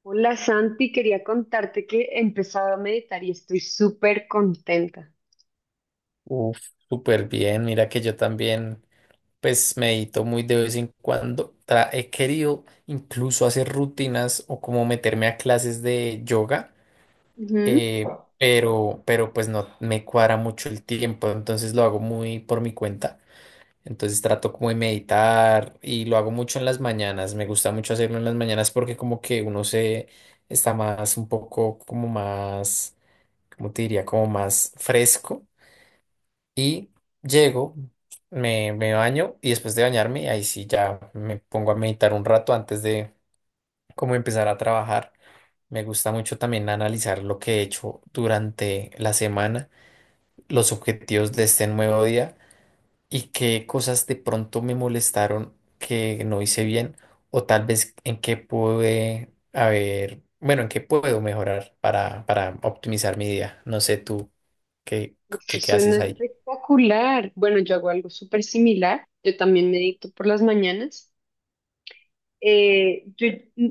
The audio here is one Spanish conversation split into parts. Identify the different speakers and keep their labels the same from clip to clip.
Speaker 1: Hola Santi, quería contarte que he empezado a meditar y estoy súper contenta.
Speaker 2: Uf, súper bien. Mira que yo también, pues medito muy de vez en cuando. He querido incluso hacer rutinas o como meterme a clases de yoga,
Speaker 1: Ujú.
Speaker 2: pero, pues no me cuadra mucho el tiempo, entonces lo hago muy por mi cuenta. Entonces trato como de meditar y lo hago mucho en las mañanas. Me gusta mucho hacerlo en las mañanas porque como que uno se está más un poco como más, ¿cómo te diría? Como más fresco y llego, me baño y después de bañarme, ahí sí ya me pongo a meditar un rato antes de como empezar a trabajar. Me gusta mucho también analizar lo que he hecho durante la semana, los objetivos de este nuevo día y qué cosas de pronto me molestaron que no hice bien o tal vez en qué pude haber, bueno, en qué puedo mejorar para, optimizar mi día. No sé tú qué,
Speaker 1: Esto
Speaker 2: qué
Speaker 1: suena
Speaker 2: haces ahí.
Speaker 1: espectacular. Bueno, yo hago algo súper similar. Yo también medito por las mañanas. Yo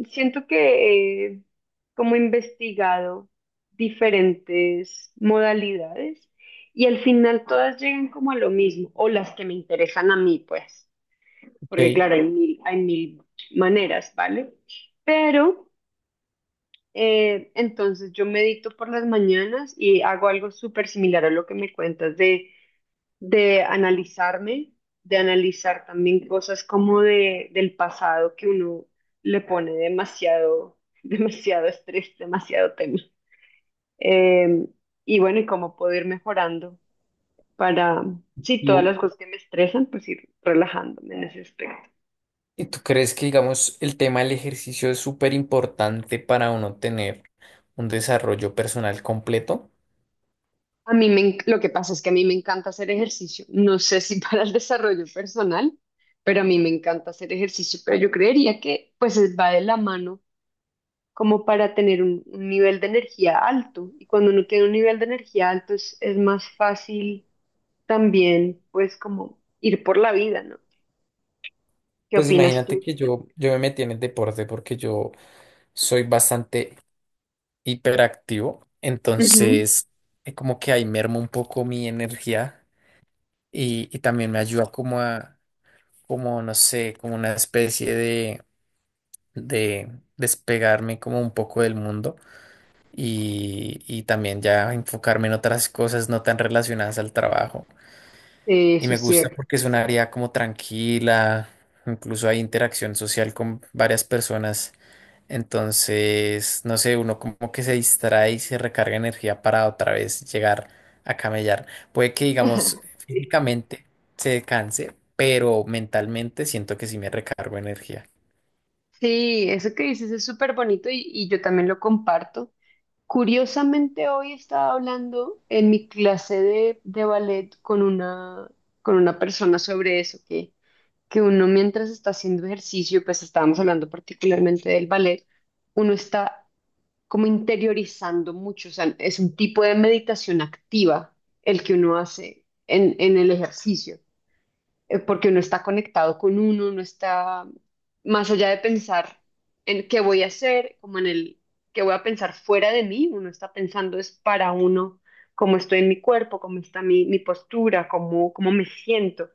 Speaker 1: siento que he como investigado diferentes modalidades y al final todas llegan como a lo mismo, o las que me interesan a mí, pues, porque
Speaker 2: Ok.
Speaker 1: claro, hay mil maneras, ¿vale? Pero. Entonces yo medito por las mañanas y hago algo súper similar a lo que me cuentas de, analizarme, de analizar también cosas como del pasado que uno le pone demasiado, demasiado estrés, demasiado tema. Eh, y bueno, y cómo puedo ir mejorando para, sí, todas
Speaker 2: ¿Tú,
Speaker 1: las cosas que me estresan, pues ir relajándome en ese aspecto.
Speaker 2: ¿Y tú crees que, digamos, el tema del ejercicio es súper importante para uno tener un desarrollo personal completo?
Speaker 1: A mí me, en- Lo que pasa es que a mí me encanta hacer ejercicio. No sé si para el desarrollo personal, pero a mí me encanta hacer ejercicio. Pero yo creería que pues va de la mano como para tener un, nivel de energía alto. Y cuando uno tiene un nivel de energía alto es más fácil también pues como ir por la vida, ¿no? ¿Qué
Speaker 2: Pues
Speaker 1: opinas
Speaker 2: imagínate
Speaker 1: tú?
Speaker 2: que yo me metí en el deporte porque yo soy bastante hiperactivo,
Speaker 1: Ujú.
Speaker 2: entonces como que ahí mermo un poco mi energía y, también me ayuda como a, como no sé, como una especie de, despegarme como un poco del mundo. Y, también ya enfocarme en otras cosas no tan relacionadas al trabajo.
Speaker 1: Sí,
Speaker 2: Y
Speaker 1: eso
Speaker 2: me
Speaker 1: es
Speaker 2: gusta
Speaker 1: cierto.
Speaker 2: porque es un área como tranquila, incluso hay interacción social con varias personas. Entonces, no sé, uno como que se distrae y se recarga energía para otra vez llegar a camellar. Puede que, digamos, físicamente se canse, pero mentalmente siento que sí me recargo energía.
Speaker 1: Sí, eso que dices es súper bonito y yo también lo comparto. Curiosamente, hoy estaba hablando en mi clase de, ballet con una persona sobre eso, que uno mientras está haciendo ejercicio, pues estábamos hablando particularmente del ballet, uno está como interiorizando mucho, o sea, es un tipo de meditación activa el que uno hace en, el ejercicio porque uno está conectado con uno está más allá de pensar en qué voy a hacer, como en el qué voy a pensar fuera de mí, uno está pensando es para uno, cómo estoy en mi cuerpo, cómo está mi, postura, cómo me siento.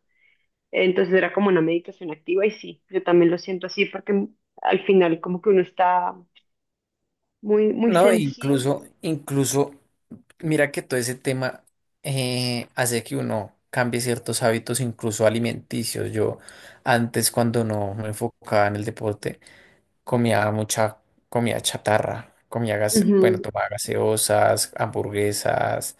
Speaker 1: Entonces era como una meditación activa y sí, yo también lo siento así porque al final como que uno está muy, muy
Speaker 2: No,
Speaker 1: sensible.
Speaker 2: incluso, mira que todo ese tema hace que uno cambie ciertos hábitos, incluso alimenticios. Yo antes, cuando no me enfocaba en el deporte, comía mucha comida chatarra, bueno,
Speaker 1: Ujú.
Speaker 2: tomaba gaseosas, hamburguesas,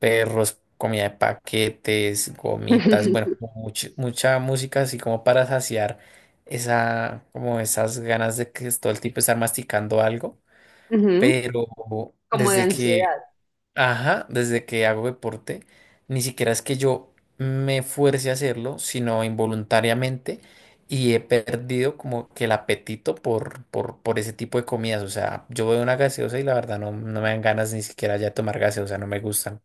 Speaker 2: perros, comida de paquetes, gomitas, bueno, como mucha música así como para saciar esa, como esas ganas de que todo el tiempo estar masticando algo.
Speaker 1: Ujú.
Speaker 2: Pero
Speaker 1: Como de
Speaker 2: desde que,
Speaker 1: ansiedad.
Speaker 2: ajá, desde que hago deporte, ni siquiera es que yo me fuerce a hacerlo, sino involuntariamente y he perdido como que el apetito por, por ese tipo de comidas. O sea, yo veo una gaseosa y la verdad no, no me dan ganas ni siquiera ya de tomar gaseosa, no me gustan.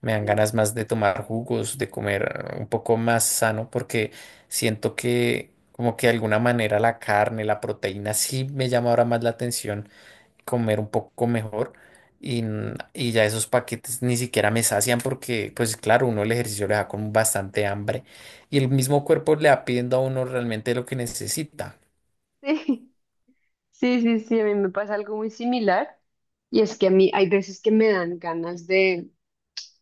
Speaker 2: Me dan
Speaker 1: Sí.
Speaker 2: ganas más de tomar jugos, de comer un poco más sano, porque siento que como que de alguna manera la carne, la proteína sí me llama ahora más la atención comer un poco mejor y, y ya esos paquetes ni siquiera me sacian porque, pues claro, uno el ejercicio le da con bastante hambre y el mismo cuerpo le va pidiendo a uno realmente lo que necesita.
Speaker 1: Sí. Sí, sí, sí, a mí me pasa algo muy similar y es que a mí hay veces que me dan ganas de,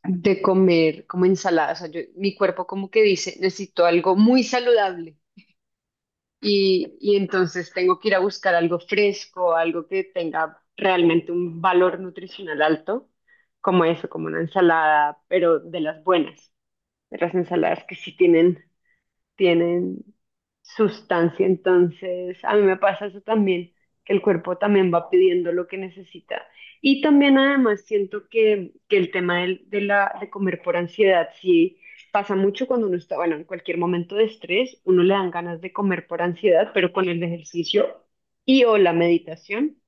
Speaker 1: de comer como ensalada, o sea, mi cuerpo como que dice, necesito algo muy saludable y entonces tengo que ir a buscar algo fresco, algo que tenga realmente un valor nutricional alto, como eso, como una ensalada, pero de las buenas, de las ensaladas que sí tienen sustancia. Entonces, a mí me pasa eso también, que el cuerpo también va pidiendo lo que necesita. Y también además siento que el tema de comer por ansiedad, sí pasa mucho cuando uno está, bueno, en cualquier momento de estrés, uno le dan ganas de comer por ansiedad, pero con el ejercicio o la meditación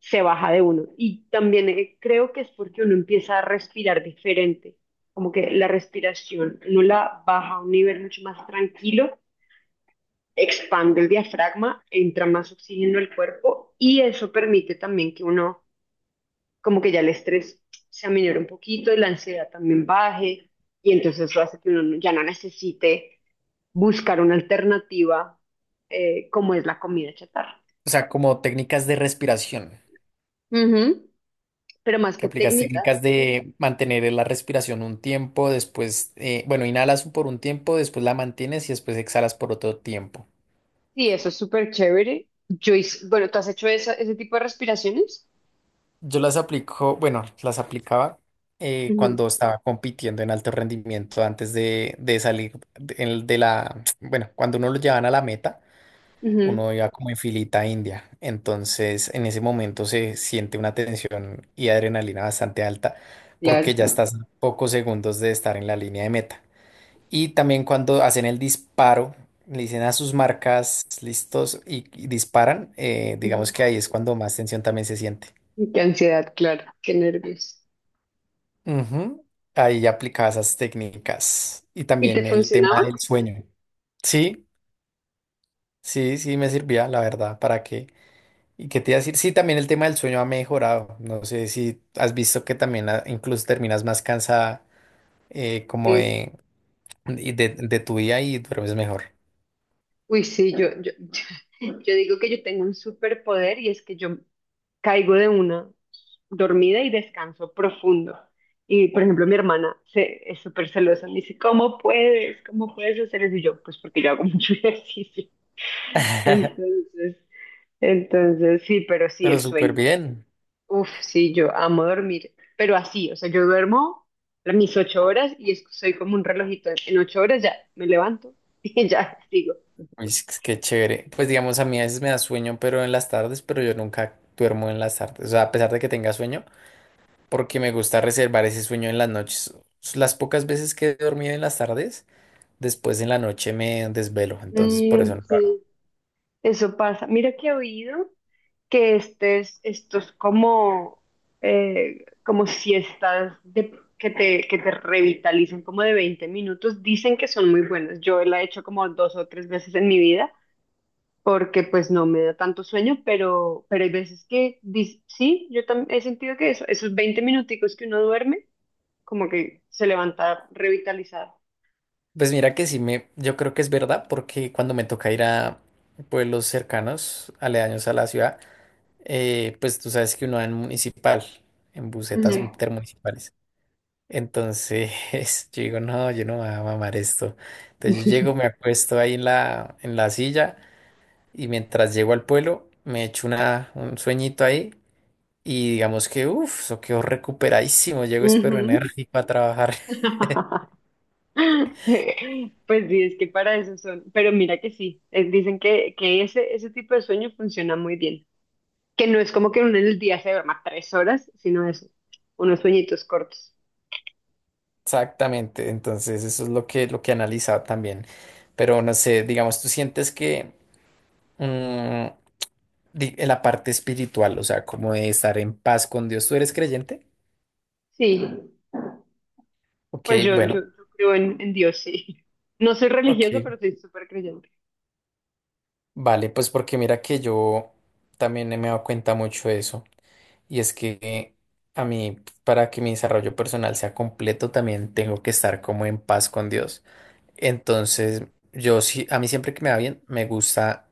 Speaker 1: se baja de uno. Y también creo que es porque uno empieza a respirar diferente como que la respiración, uno la baja a un nivel mucho más tranquilo expande el diafragma, entra más oxígeno al cuerpo y eso permite también que uno, como que ya el estrés se aminore un poquito y la ansiedad también baje y entonces eso hace que uno ya no necesite buscar una alternativa como es la comida chatarra.
Speaker 2: O sea, como técnicas de respiración,
Speaker 1: Ujú. Pero más
Speaker 2: que
Speaker 1: que
Speaker 2: aplicas
Speaker 1: técnica,
Speaker 2: técnicas de mantener la respiración un tiempo, después, bueno, inhalas por un tiempo, después la mantienes y después exhalas por otro tiempo.
Speaker 1: sí, eso es súper chévere. Bueno, ¿tú has hecho ese tipo de respiraciones?
Speaker 2: Yo las aplico, bueno, las aplicaba
Speaker 1: Ujú.
Speaker 2: cuando estaba compitiendo en alto rendimiento antes de, salir de, bueno, cuando uno lo llevan a la meta,
Speaker 1: Ujú.
Speaker 2: uno iba como en filita india. Entonces, en ese momento se siente una tensión y adrenalina bastante alta porque ya
Speaker 1: Claro.
Speaker 2: estás a pocos segundos de estar en la línea de meta. Y también cuando hacen el disparo, le dicen a sus marcas listos y, disparan,
Speaker 1: Ujú.
Speaker 2: digamos que ahí es cuando más tensión también se siente.
Speaker 1: Qué ansiedad, claro. Qué nervios.
Speaker 2: Ujú. Ahí aplicaba esas técnicas y
Speaker 1: ¿Y te
Speaker 2: también el tema
Speaker 1: funcionaban?
Speaker 2: del sueño. Sí, sí, sí me servía, la verdad, ¿para qué? ¿Y qué te iba a decir? Sí, también el tema del sueño ha mejorado. No sé si has visto que también ah, incluso terminas más cansada como
Speaker 1: Sí.
Speaker 2: de, y de, tu día y duermes mejor.
Speaker 1: Uy, sí, yo digo que yo tengo un superpoder y es que yo caigo de una dormida y descanso profundo. Y, por ejemplo, mi hermana es súper celosa. Me dice, ¿cómo puedes? ¿Cómo puedes hacer eso? Y yo, pues porque yo hago mucho ejercicio. Entonces, entonces sí, pero sí, el
Speaker 2: Pero súper
Speaker 1: sueño.
Speaker 2: bien.
Speaker 1: Uf, sí, yo amo dormir. Pero así, o sea, yo duermo mis 8 horas y soy como un relojito. En 8 horas ya me levanto y ya sigo.
Speaker 2: Uy, es que qué chévere. Pues digamos, a mí a veces me da sueño, pero en las tardes, pero yo nunca duermo en las tardes. O sea, a pesar de que tenga sueño, porque me gusta reservar ese sueño en las noches. Las pocas veces que he dormido en las tardes, después en la noche me desvelo, entonces por eso
Speaker 1: Mm,
Speaker 2: no lo hago.
Speaker 1: sí. Eso pasa. Mira que he oído que estos como, como siestas que te revitalizan como de 20 minutos, dicen que son muy buenas. Yo la he hecho como 2 o 3 veces en mi vida porque pues no me da tanto sueño, pero hay veces que sí, he sentido que eso, esos 20 minuticos que uno duerme, como que se levanta revitalizado.
Speaker 2: Pues mira que sí me, yo creo que es verdad, porque cuando me toca ir a pueblos cercanos, aledaños a la ciudad, pues tú sabes que uno va en municipal, en busetas
Speaker 1: Ujú.
Speaker 2: intermunicipales. Entonces yo digo, no, yo no me voy a mamar esto. Entonces yo llego, me acuesto ahí en la silla y mientras llego al pueblo, me echo un sueñito ahí. Y digamos que, uff, eso quedó recuperadísimo, llego espero
Speaker 1: Ujú.
Speaker 2: enérgico a trabajar.
Speaker 1: Pues sí, es que para eso son. Pero mira que sí, dicen que, ese tipo de sueño funciona muy bien. Que no es como que uno en el día se duerma 3 horas, sino eso, unos sueñitos cortos.
Speaker 2: Exactamente, entonces eso es lo que he analizado también. Pero no sé, digamos, tú sientes que mm, en la parte espiritual, o sea, como de estar en paz con Dios, ¿tú eres creyente?
Speaker 1: Sí,
Speaker 2: Ok,
Speaker 1: pues yo,
Speaker 2: bueno,
Speaker 1: yo, yo creo en Dios, sí. No soy
Speaker 2: ok,
Speaker 1: religiosa, pero soy súper creyente.
Speaker 2: vale, pues porque mira que yo también me he dado cuenta mucho de eso. Y es que a mí, para que mi desarrollo personal sea completo, también tengo que estar como en paz con Dios. Entonces, yo sí, a mí siempre que me va bien, me gusta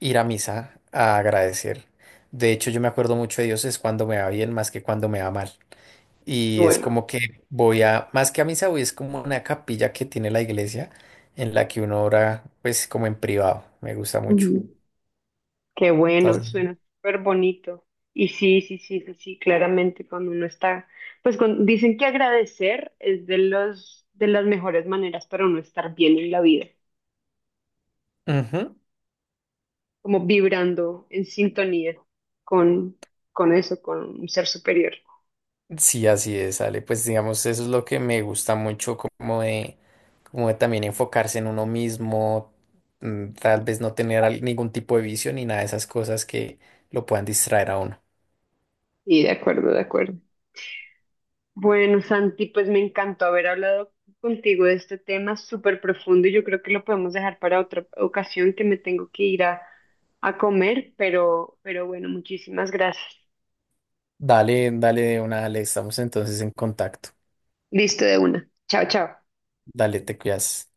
Speaker 2: ir a misa a agradecer. De hecho, yo me acuerdo mucho de Dios es cuando me va bien más que cuando me va mal. Y es
Speaker 1: Bueno.
Speaker 2: como que voy a, más que a misa, voy, es como una capilla que tiene la iglesia en la que uno ora, pues como en privado. Me gusta mucho.
Speaker 1: Qué bueno,
Speaker 2: Entonces,
Speaker 1: suena súper bonito. Y sí, sí, sí, sí, sí, claramente cuando uno está, pues dicen que agradecer es de las mejores maneras para uno estar bien en la vida,
Speaker 2: ujú,
Speaker 1: como vibrando en sintonía con, con eso, con un ser superior.
Speaker 2: sí, así es, Ale. Pues digamos, eso es lo que me gusta mucho como de, como de también enfocarse en uno mismo, mm, tal vez no tener ningún tipo de vicio ni nada de esas cosas que lo puedan distraer a uno.
Speaker 1: Y de acuerdo, de acuerdo. Bueno, Santi, pues me encantó haber hablado contigo de este tema súper profundo y yo creo que lo podemos dejar para otra ocasión que me tengo que ir a, comer, pero bueno, muchísimas gracias.
Speaker 2: Dale, dale de una, dale, estamos entonces en contacto.
Speaker 1: Listo de una. Chao, chao.
Speaker 2: Dale, te cuidas.